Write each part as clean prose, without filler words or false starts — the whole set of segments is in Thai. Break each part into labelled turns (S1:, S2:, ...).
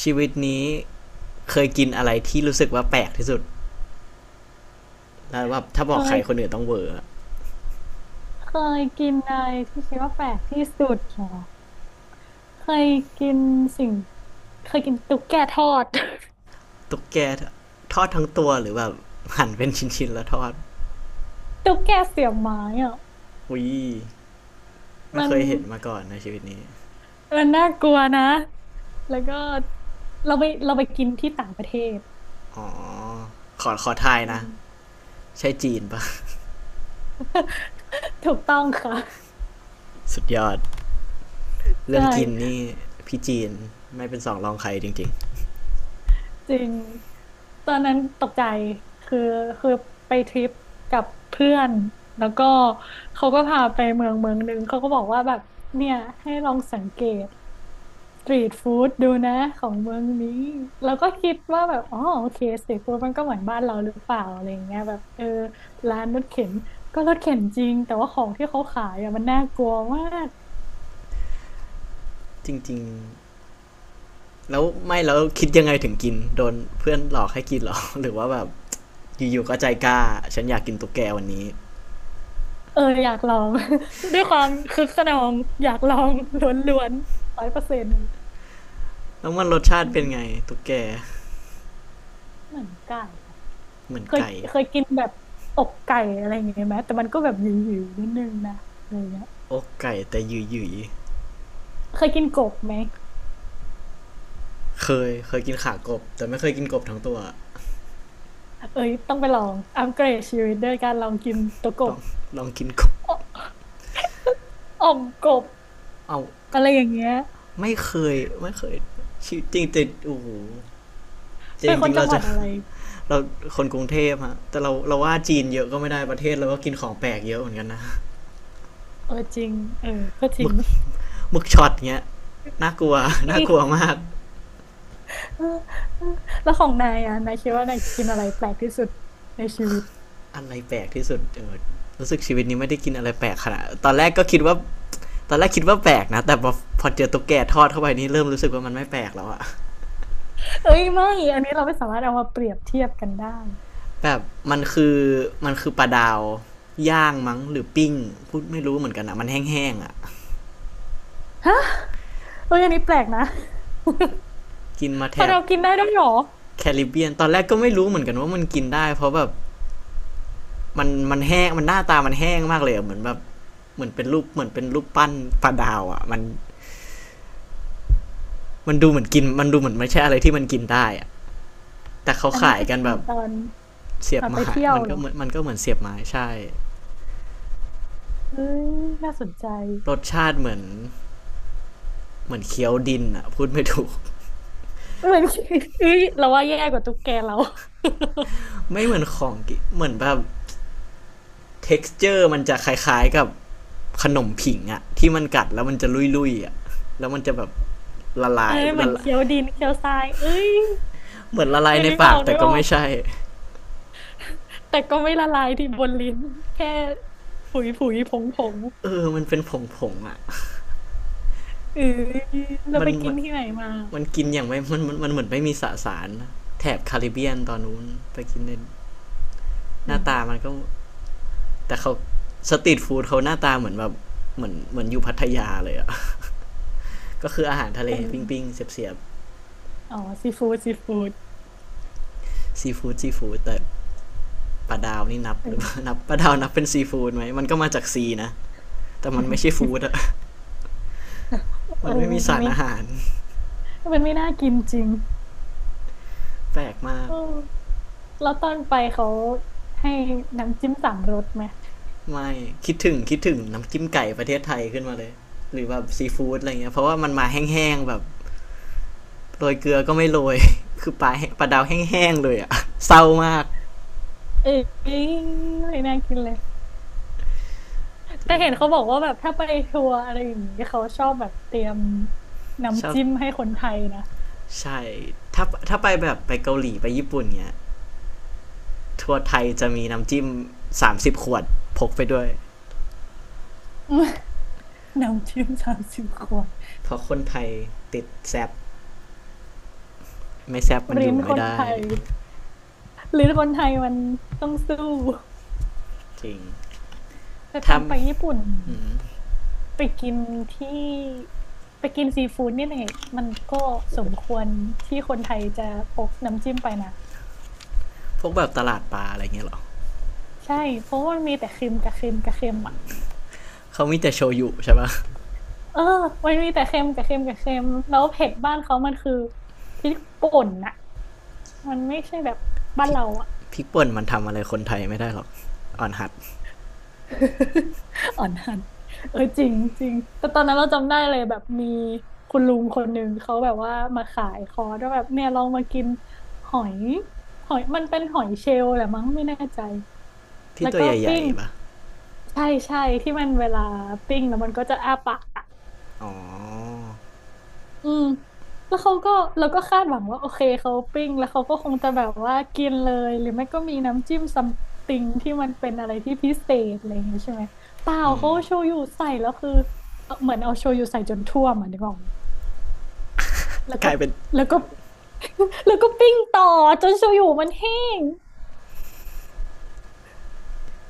S1: ชีวิตนี้เคยกินอะไรที่รู้สึกว่าแปลกที่สุดแล้วแบบ
S2: เค
S1: ถ้าบอกใครคน
S2: ย
S1: อื่นต้องเวอร์อ
S2: เคยกินอะไรที่คิดว่าแปลกที่สุดเหรอเคยกินสิ่งเคยกินตุ๊กแกทอด
S1: ตุ๊กแกทอดทั้งตัวหรือแบบหั่นเป็นชิ้นๆแล้วทอด
S2: ตุ๊กแกเสียบไม้อ่ะ
S1: อุ้ยไม่
S2: มั
S1: เค
S2: น
S1: ยเห็นมาก่อนในชีวิตนี้
S2: มันน่ากลัวนะแล้วก็เราไปกินที่ต่างประเทศ
S1: อ๋อขอทาย
S2: อื
S1: นะ
S2: ม
S1: ใช่จีนปะ
S2: ถูกต้องค่ะ
S1: สุดยอด
S2: ใช
S1: เรื่องกิน
S2: ่
S1: นี่พี่จีนไม่เป็นสองรองใครจริงๆ
S2: จริงตอนนั้นตกใจคือคือไปทริปกับเพื่อนแล้วก็เขาก็พาไปเมืองเมืองหนึ่งเขาก็บอกว่าแบบเนี่ยให้ลองสังเกตสตรีทฟู้ดดูนะของเมืองนี้แล้วก็คิดว่าแบบอ๋อโอเคสตรีทฟู้ดมันก็เหมือนบ้านเราหรือเปล่าอะไรอย่างเงี้ยแบบเออร้านรถเข็นก็รถเข็นจริงแต่ว่าของที่เขาขายอ่ะมันน่ากลัวมาก
S1: จริงๆแล้วไม่แล้วคิดยังไงถึงกินโดนเพื่อนหลอกให้กินหรอ หรือว่าแบบอยู่ๆก็ใจกล้าฉันอยากกินตุ๊กแกวันนี้
S2: เอออยากลอง ด้วยความคึกคะนองอยากลองล้วนๆ100%
S1: แล้วมันรส
S2: อื
S1: ชาติเป็นไง
S2: ม
S1: ตุ๊กแก
S2: เหมือนไก่อะ
S1: เหมือน
S2: เคย
S1: ไก่
S2: เคยกินแบบอกไก่อะไรอย่างเงี้ยไหมแต่มันก็แบบหยิ่ๆนิดนึงนะอะไรอย่างเงี้ย
S1: อกไก่แต่หยืยย
S2: เคยกินกบไหม
S1: ๆเคยกินขากบแต่ไม่เคยกินกบทั้งตัว
S2: เอ้ยต้องไปลองอัปเกรดชีวิตด้วยการลองกินตัวก
S1: ล
S2: บ
S1: องลองกินกบ
S2: ออ่อมกบ
S1: เอา
S2: อะไรอย่างเงี้ย
S1: ไม่เคยไม่เคยจริงจริงโอ้โหจ
S2: เป็
S1: ริ
S2: น
S1: ง
S2: ค
S1: จริ
S2: น
S1: งๆ
S2: จั
S1: เรา
S2: งหวั
S1: จะ
S2: ดอะไร
S1: เราคนกรุงเทพฮะแต่เราว่าจีนเยอะก็ไม่ได้ประเทศเราก็กินของแปลกเยอะเหมือนกันนะ
S2: เออจริงเออก็จ
S1: ห
S2: ริ
S1: มึ
S2: ง
S1: กหมึกช็อตเงี้ยน่ากลัว น่า
S2: อีก
S1: กลัวมาก
S2: เออเออแล้วของนายอ่ะนายคิดว่านายกินอะไรแปลกที่สุดในชีวิต
S1: อะไรแปลกที่สุดเออรู้สึกชีวิตนี้ไม่ได้กินอะไรแปลกขนาดตอนแรกคิดว่าแปลกนะแต่พอเจอตุ๊กแกทอดเข้าไปนี่เริ่มรู้สึกว่ามันไม่แปลกแล้วอะ
S2: เอ้ยไม่อันนี้เราไม่สามารถเอามาเปรียบเทียบกันได้
S1: แบบมันคือมันคือปลาดาวย่างมั้งหรือปิ้งพูดไม่รู้เหมือนกันอะมันแห้งๆอะ
S2: ฮะเอ้ยอันนี้แปลกนะ
S1: กินมาแถ
S2: พะ
S1: บ
S2: เรากินได้ด้วยเหรอ
S1: แคริบเบียนตอนแรกก็ไม่รู้เหมือนกันว่ามันกินได้เพราะแบบมันแห้งมันหน้าตามันแห้งมากเลยเหมือนแบบเหมือนเป็นรูปปั้นปลาดาวอะมันมันดูเหมือนกินมันดูเหมือนไม่ใช่อะไรที่มันกินได้อะแต่เขา
S2: อันนี้
S1: ขาย
S2: คือ
S1: กัน
S2: กิ
S1: แบ
S2: น
S1: บ
S2: ตอน
S1: เสีย
S2: ต
S1: บ
S2: อนไป
S1: ไม้
S2: เที่ยวเหรอ
S1: มันก็เหมือนเสียบไม้ใช่
S2: เอ้ยน่าสนใจ
S1: รสชาติเหมือนเคี้ยวดินอะพูดไม่ถูก
S2: เหมือนเอ้ยเราว่าแย่กว่าตุ๊กแกเรา
S1: ไม่เหมือนของกินเหมือนแบบ เท็กซเจอร์มันจะคล้ายๆกับขนมผิงอะที่มันกัดแล้วมันจะลุยๆอะแล้วมันจะแบบละ ลา
S2: เอ้
S1: ย
S2: ยเหมือ
S1: ละ
S2: น
S1: ลาย
S2: เคี้ยวดินเคี้ยวทราย เอ้ย
S1: เหมือนละลา
S2: เอ
S1: ย
S2: อ
S1: ใน
S2: นึกอ
S1: ปา
S2: อ
S1: ก
S2: ก
S1: แต่
S2: นึก
S1: ก็
S2: ออ
S1: ไม่
S2: ก
S1: ใช่
S2: แต่ก็ไม่ละลายที่บนลิ้น แค่ผุยผุยผงผง
S1: เออมันเป็นผงๆอะ
S2: เออเรา
S1: มั
S2: ไป
S1: น
S2: กิ
S1: มั
S2: น
S1: น
S2: ที่ไหนมา
S1: มันกินอย่างไม่มันเหมือนไม่มีสสารนแถบคาริบเบียนตอนนู้นไปกินในห
S2: เอ
S1: น้าตา
S2: อ
S1: มันก็แต่เขาสตรีทฟู้ดเขาหน้าตาเหมือนแบบเหมือนอยู่พัทยาเลยอะก็คืออาหารทะเล
S2: เป็น
S1: ปิ้งๆเสียบ
S2: อ๋อซีฟู้ดซีฟู้ด
S1: ๆซีฟู้ดซีฟู้ดแต่ ปลาดาวนี่นับ
S2: เอ
S1: หรือเปล่า
S2: อ
S1: นับปลาดาวนับเป็นซีฟู้ดไหมมันก็มาจากซีนะ แต่มันไม่ใช่ฟู้ดอะ
S2: เอ
S1: มั
S2: อ
S1: นไม่มี
S2: มัน
S1: สาร
S2: ไม่
S1: อาหาร
S2: มันไม่น่ากินจริง
S1: แปลกมา
S2: เอ
S1: ก
S2: อ แล้วตอนไปเขาให้น้ำจิ้มสามรสไหม
S1: ไม่ คิดถึงน้ำจิ้มไก่ประเทศไทยขึ้นมาเลย หรือแบบซีฟู้ดอะไรเงี้ยเพราะว่ามันมาแห้งๆแบบโรยเกลือก็ไม่โรย คือปลาแห้งปลาดาวแห้งๆเลยอะ เศร้ามาก
S2: เอ้ยไม่น่ากินเลย
S1: จ
S2: แต่
S1: ริ
S2: เห็น
S1: ง
S2: เขาบอกว่าแบบถ้าไปทัวร์อะไรอย่างงี้เขาชอบแบบเตรียม
S1: ชอ
S2: น้ำ
S1: บ
S2: จิ้มให้คนไทยนะ
S1: ใช่ถ้าถ้าไปแบบไปเกาหลีไปญี่ปุ่นเงี้ยทัวร์ไทยจะมีน้ำจิ้ม30 ขวดพกไปด้วย
S2: น้ำจิ้ม30 ขวด
S1: เพราะคนไทยติดแซบไม่แซบมันอ
S2: ลิ้
S1: ยู่
S2: นค
S1: ไม่
S2: นไท
S1: ได้
S2: ยลิ้นคนไทยมันต้องสู้
S1: จริง
S2: แต่ตอ
S1: ทำ
S2: นไปญี่ปุ่นไปกินที่ไปกินซีฟู้ดนี่แหละมันก็สมควรที่คนไทยจะพกน้ำจิ้มไปนะ
S1: พวกแบบตลาดปลาอะไรเงี้ยหรอ
S2: ใช่เพราะว่ามันมีแต่เค็มกับเค็มกับเค็มอ่ะ
S1: เขามีแต่โชยุใช่ปะ
S2: เออมันมีแต่เค็มกับเค็มกับเค็มแล้วเผ็ดบ้านเขามันคือพริกป่นน่ะมันไม่ใช่แบบบ้า
S1: พ
S2: น
S1: ริก
S2: เราอะ
S1: พริกป่นมันทำอะไรคนไทยไม่ได้หรอกอ่อนหัด
S2: อ่อนหันเออจริงจริงแต่ตอนนั้นเราจำได้เลยแบบมีคุณลุงคนหนึ่งเขาแบบว่ามาขายคอร์สว่าแบบเนี่ยลองมากินหอยหอยมันเป็นหอยเชลล์แหละมั้งไม่แน่ใจ
S1: ที่
S2: แล้ว
S1: ตัว
S2: ก็
S1: ใหญ่
S2: ปิ้ง
S1: ๆปะ
S2: ใช่ที่มันเวลาปิ้งแล้วมันก็จะอ้าปากอะ
S1: อ๋อ
S2: อืมแล้วเขาก็เราก็คาดหวังว่าโอเคเขาปิ้งแล้วเขาก็คงจะแบบว่ากินเลยหรือไม่ก็มีน้ำจิ้มซัมติงที่มันเป็นอะไรที่พิเศษอะไรอย่างเงี้ยใช่ไหมเปล่าเขาเอาโชยุใส่แล้วคือเหมือนเอาโชยุใส่จนท่วมอ่ะนึกออกไหมแล้ว
S1: ก
S2: ก็
S1: ลายเป็น
S2: แล้วก็ แล้วก็ปิ้งต่อจนโชยุมันแห้ง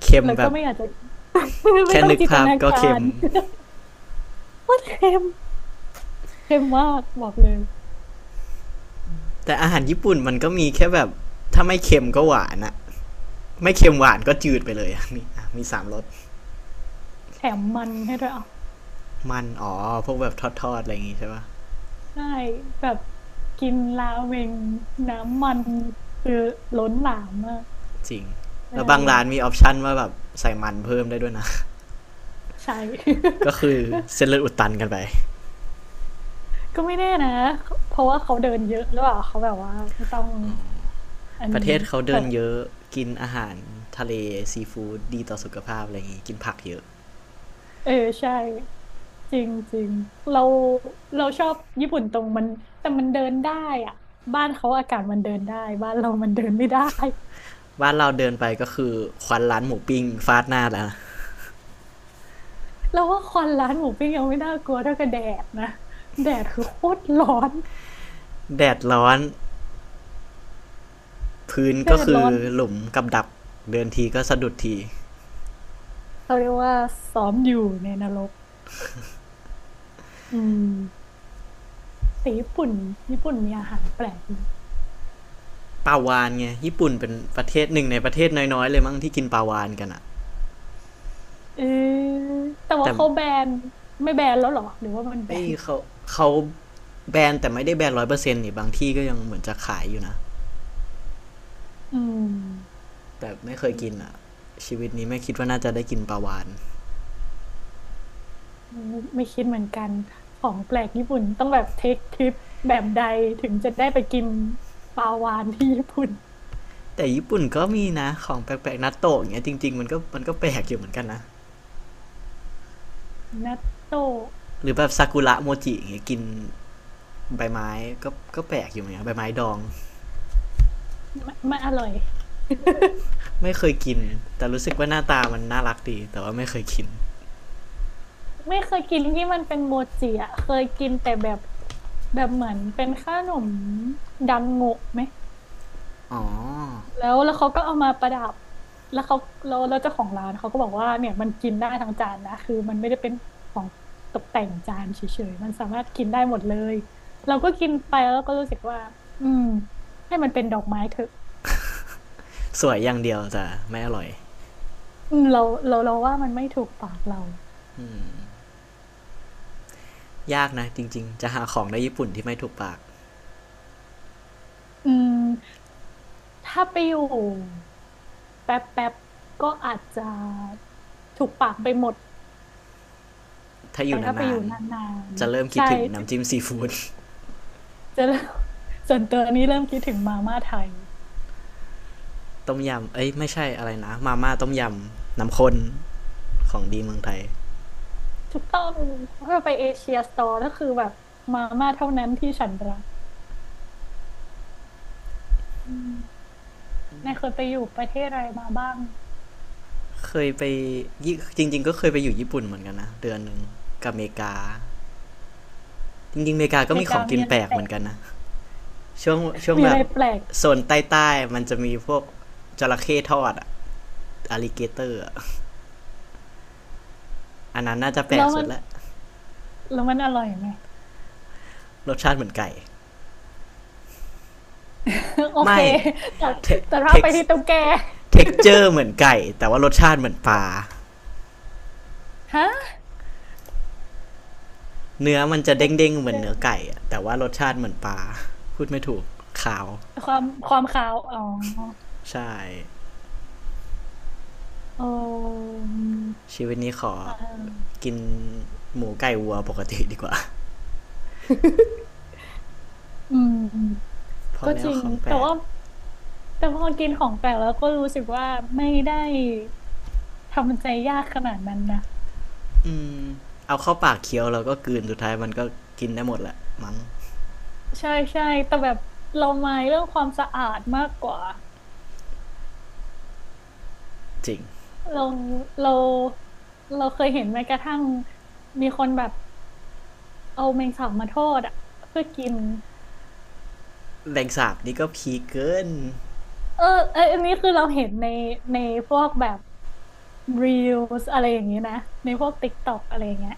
S1: เค็ม
S2: แล้ว
S1: แบ
S2: ก็
S1: บ
S2: ไม่อยากจะ ไม่
S1: แค่
S2: ต้อง
S1: นึก
S2: จินต
S1: ภาพ
S2: นา
S1: ก็
S2: กา
S1: เค็ม
S2: ร ว่าเค็มเค็มมากบอกเลย
S1: แต่อาหารญี่ปุ่นมันก็มีแค่แบบถ้าไม่เค็มก็หวานอะไม่เค็มหวานก็จืดไปเลยอะ มีอ่ะมีสามรส
S2: แถมมันให้ด้วยอ่ะ
S1: มันอ๋อ พวกแบบทอดๆอะไรอย่างงี้ใช่ปะ
S2: ใช่แบบกินราเมงน้ำมันคือล้นหลามมาก
S1: จริง
S2: ไม่
S1: แล้ว
S2: ได้
S1: บาง
S2: เลย
S1: ร้านมีออปชันว่าแบบใส่มันเพิ่มได้ด้วยนะ
S2: ใช่
S1: ก็คือเส้นเลือ ดอุดตันกันไป
S2: ก็ไม่แน่นะเพราะว่าเขาเดินเยอะหรือเปล่าเขาแบบว่าไม่ต้องอัน
S1: ประ
S2: นี้
S1: เทศเขา
S2: แบ
S1: เดิน
S2: บ
S1: เยอะกินอาหารทะเลซีฟู้ดดีต่อสุขภาพอะไรอย่างงี้กินผักเยอะ
S2: เออใช่จริงจริงเราเราชอบญี่ปุ่นตรงมันแต่มันเดินได้อะบ้านเขาอากาศมันเดินได้บ้านเรามันเดินไม่ได้
S1: บ้านเราเดินไปก็คือควันร้านหมูปิ้งฟาดหน้าแล้วะ
S2: เราว่าควันร้านหมูปิ้งยังไม่น่ากลัวเท่ากับแดดนะแดดคือโคตรร้อน
S1: แดดร้อนพื้น
S2: แด
S1: ก็
S2: ด
S1: คื
S2: ร้
S1: อ
S2: อน
S1: หลุมกับดักเดินทีก็สะดุดที
S2: เขาเรียกว่าซ้อมอยู่ในนรกอืมแต่ญี่ปุ่นมีอาหารแปลกไหม
S1: ปลาวานไงญี่ปุ่นเป็นประเทศหนึ่งในประเทศน้อยๆเลยมั้งที่กินปลาวานกันอะ
S2: เออแต่ว่า
S1: แต่
S2: เขาแบนไม่แบนแล้วเหรอหรือว่ามันแบ
S1: เอ้ย
S2: น
S1: เขาแบนแต่ไม่ได้แบน100%นี่บางที่ก็ยังเหมือนจะขายอยู่นะ
S2: อืม
S1: แต่ไม่เคย
S2: ไม่
S1: กินอะชีวิตนี้ไม่คิดว่าน่าจะได้กินปลาวาน
S2: ไม่ไม่คิดเหมือนกันของแปลกญี่ปุ่นต้องแบบเทคทริปแบบใดถึงจะได้ไปกินปลาวาฬที่ญี่ปุ่น
S1: แต่ญี่ปุ่นก็มีนะของแปลกๆนัตโตะอย่างเงี้ยจริงๆมันก็แปลกอยู่เหมือนกันนะ
S2: นัตโต
S1: หรือแบบซากุระโมจิอย่างเงี้ยกินใบไม้ก็ก็แปลกอยู่เหมือนกันใบไม้ดอง
S2: ไม่ไม่อร่อย
S1: ไม่เคยกินแต่รู้สึกว่าหน้าตามันน่ารักดีแต่ว่าไม่เคยกิน
S2: ไม่เคยกินที่มันเป็นโมจิอะเคยกินแต่แบบแบบเหมือนเป็นขนมดังโงะไหม
S1: อ๋อ
S2: แล้วแล้วเขาก็เอามาประดับแล้วเขาแล้วแล้วเจ้าของร้านเขาก็บอกว่าเนี่ยมันกินได้ทั้งจานนะคือมันไม่ได้เป็นของตกแต่งจานเฉยๆมันสามารถกินได้หมดเลยเราก็กินไปแล้วก็รู้สึกว่าอืมให้มันเป็นดอกไม้เถอะ
S1: สวยอย่างเดียวแต่ไม่อร่อย
S2: อืมเราว่ามันไม่ถูกปากเรา
S1: ยากนะจริงๆจะหาของในญี่ปุ่นที่ไม่ถูกปาก
S2: อืมถ้าไปอยู่แป๊บแป๊บก็อาจจะถูกปากไปหมด
S1: ถ้าอ
S2: แต่
S1: ยู่
S2: ถ้าไปอ
S1: นา
S2: ยู่
S1: น
S2: นาน
S1: ๆจะเริ่ม
S2: ๆ
S1: คิด
S2: ใช่
S1: ถึง
S2: จะ
S1: น้ำจิ้มซีฟู้ด
S2: จะเริ่มส่วนตัวนี้เริ่มคิดถึงมาม่าไทย
S1: ต้มยำเอ้ยไม่ใช่อะไรนะมาม่าต้มยำน้ำข้นของดีเมืองไทย
S2: ถูกต้องเพื่อไปเอเชียสโตร์ก็คือแบบมาม่าเท่านั้นที่ฉันรักอืมนายเคยไปอยู่ประเทศอะไรมาบ้าง
S1: เคยไปจริงๆก็เคยไปอยู่ญี่ปุ่นเหมือนกันนะเดือนหนึ่งกับอเมริกาจริงๆอเมริกา
S2: อ
S1: ก็
S2: เม
S1: มี
S2: ริ
S1: ข
S2: กา
S1: องกิ
S2: มี
S1: น
S2: อะไร
S1: แปลก
S2: แป
S1: เห
S2: ล
S1: มือน
S2: ก
S1: กันนะช่วงช่วง
S2: มี
S1: แบ
S2: อะไร
S1: บ
S2: แปลก
S1: โซนใต้ๆมันจะมีพวกจระเข้ทอดอะอลิเกเตอร์อันนั้นน่าจะแปล
S2: แล้
S1: ก
S2: ว
S1: สุ
S2: มั
S1: ด
S2: น
S1: ละ
S2: แล้วมันอร่อยไหม
S1: รสชาติเหมือนไก่
S2: โอเค
S1: ไม่
S2: แต่แต่ถ้า
S1: เท็
S2: ไป
S1: ก
S2: ที่
S1: ซ์
S2: ตุ๊กแก
S1: เท็กเจอร์เหมือนไก่แต่ว่ารสชาติเหมือนปลา
S2: ฮะ
S1: เนื้อมันจะ
S2: เทค
S1: เด้งๆเหมื
S2: เจ
S1: อน
S2: อ
S1: เนื้อ
S2: ร์
S1: ไก่แต่ว่ารสชาติเหมือนปลาพูดไม่ถูกขาว
S2: ความขาวอ๋อ
S1: ใช่
S2: เออ
S1: ชีวิตนี้ขอ
S2: อ่า
S1: กินหมูไก่วัวปกติดีกว่า
S2: อืม
S1: พอ
S2: ก็
S1: แล้
S2: จ
S1: ว
S2: ริง
S1: ของแปล
S2: แต่
S1: ก
S2: ว่าแต่พอกินของแปลกแล้วก็รู้สึกว่าไม่ได้ทำใจยากขนาดนั้นนะ
S1: อืมเอาเข้าปากเคี้ยวเราก็กลืนสุดท้ายมันก็กินได้หมดแหละมั้ง
S2: ใช่ใช่แต่แบบเราไม่เรื่องความสะอาดมากกว่า
S1: จริง
S2: เราเราเราเคยเห็นแม้กระทั่งมีคนแบบเอาแมงสาบมาทอดอ่ะเพื่อกิน
S1: แรงสาบนี่ก็พีเกิน
S2: เออเอยอันนี้คือเราเห็นในพวกแบบรีลส์อะไรอย่างนี้นะในพวกติ๊กต็อกอะไรอย่างเงี้ย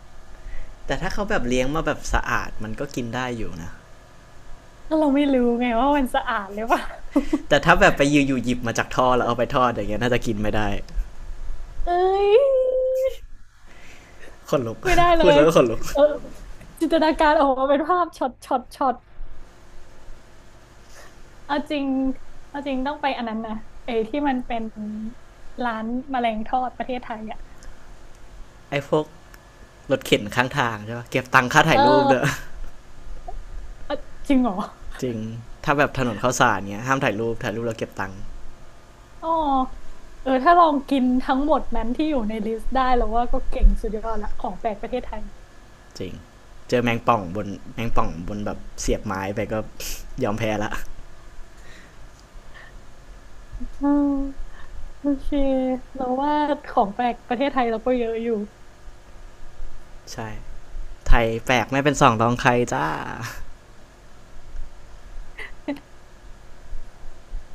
S1: แต่ถ้าเขาแบบเลี้ยงมาแบบสะอาดมันก็กินได้อยู่นะ
S2: แล้วเราไม่รู้ไงว่ามันสะอาดหรือเปล่า
S1: แต่ถ้าแบบไปยื่อยู่หยิบมาจากท่อแล้วเอาไปทอดอย่างเงี้ยน่าจะกินไม่ได้
S2: เอ้ย
S1: ขนลุก
S2: ไม่ได้ เล
S1: พูด
S2: ย
S1: แล้วก็ขนลุก
S2: เออจินตนาการออกมาเป็นภาพช็อตช็อตช็อต เอาจริงเอาจริงต้องไปอันนั้นนะไอ้ที่มันเป็นร้านแมลงทอดประเทศไทยอ่ะ
S1: ไอ้พวกรถเข็นข้างทางใช่ปะเก็บตังค่า
S2: เ
S1: ถ่ายรูปเด้อ
S2: ออ เอ้อจริงเหรอ
S1: จริงถ้าแบบถนนข้าวสารเงี้ยห้ามถ่ายรูปถ่ายรูปแล้วเก็บตังค์
S2: อ๋อเออถ้าลองกินทั้งหมดนั้นที่อยู่ในลิสต์ได้แล้วว่าก็เก่งสุดยอดละของแปลกประเทศไทย
S1: จริงเจอแมงป่องบนแมงป่องบนแบบเสียบไม้ไปก็ยอมแพ้ละ
S2: อืมโอเคเราว่าของแปลกประเทศไทยเราก็เยอะอยู่
S1: ใช่ไทยแปลกไม่เป็นสองรองใครจ้า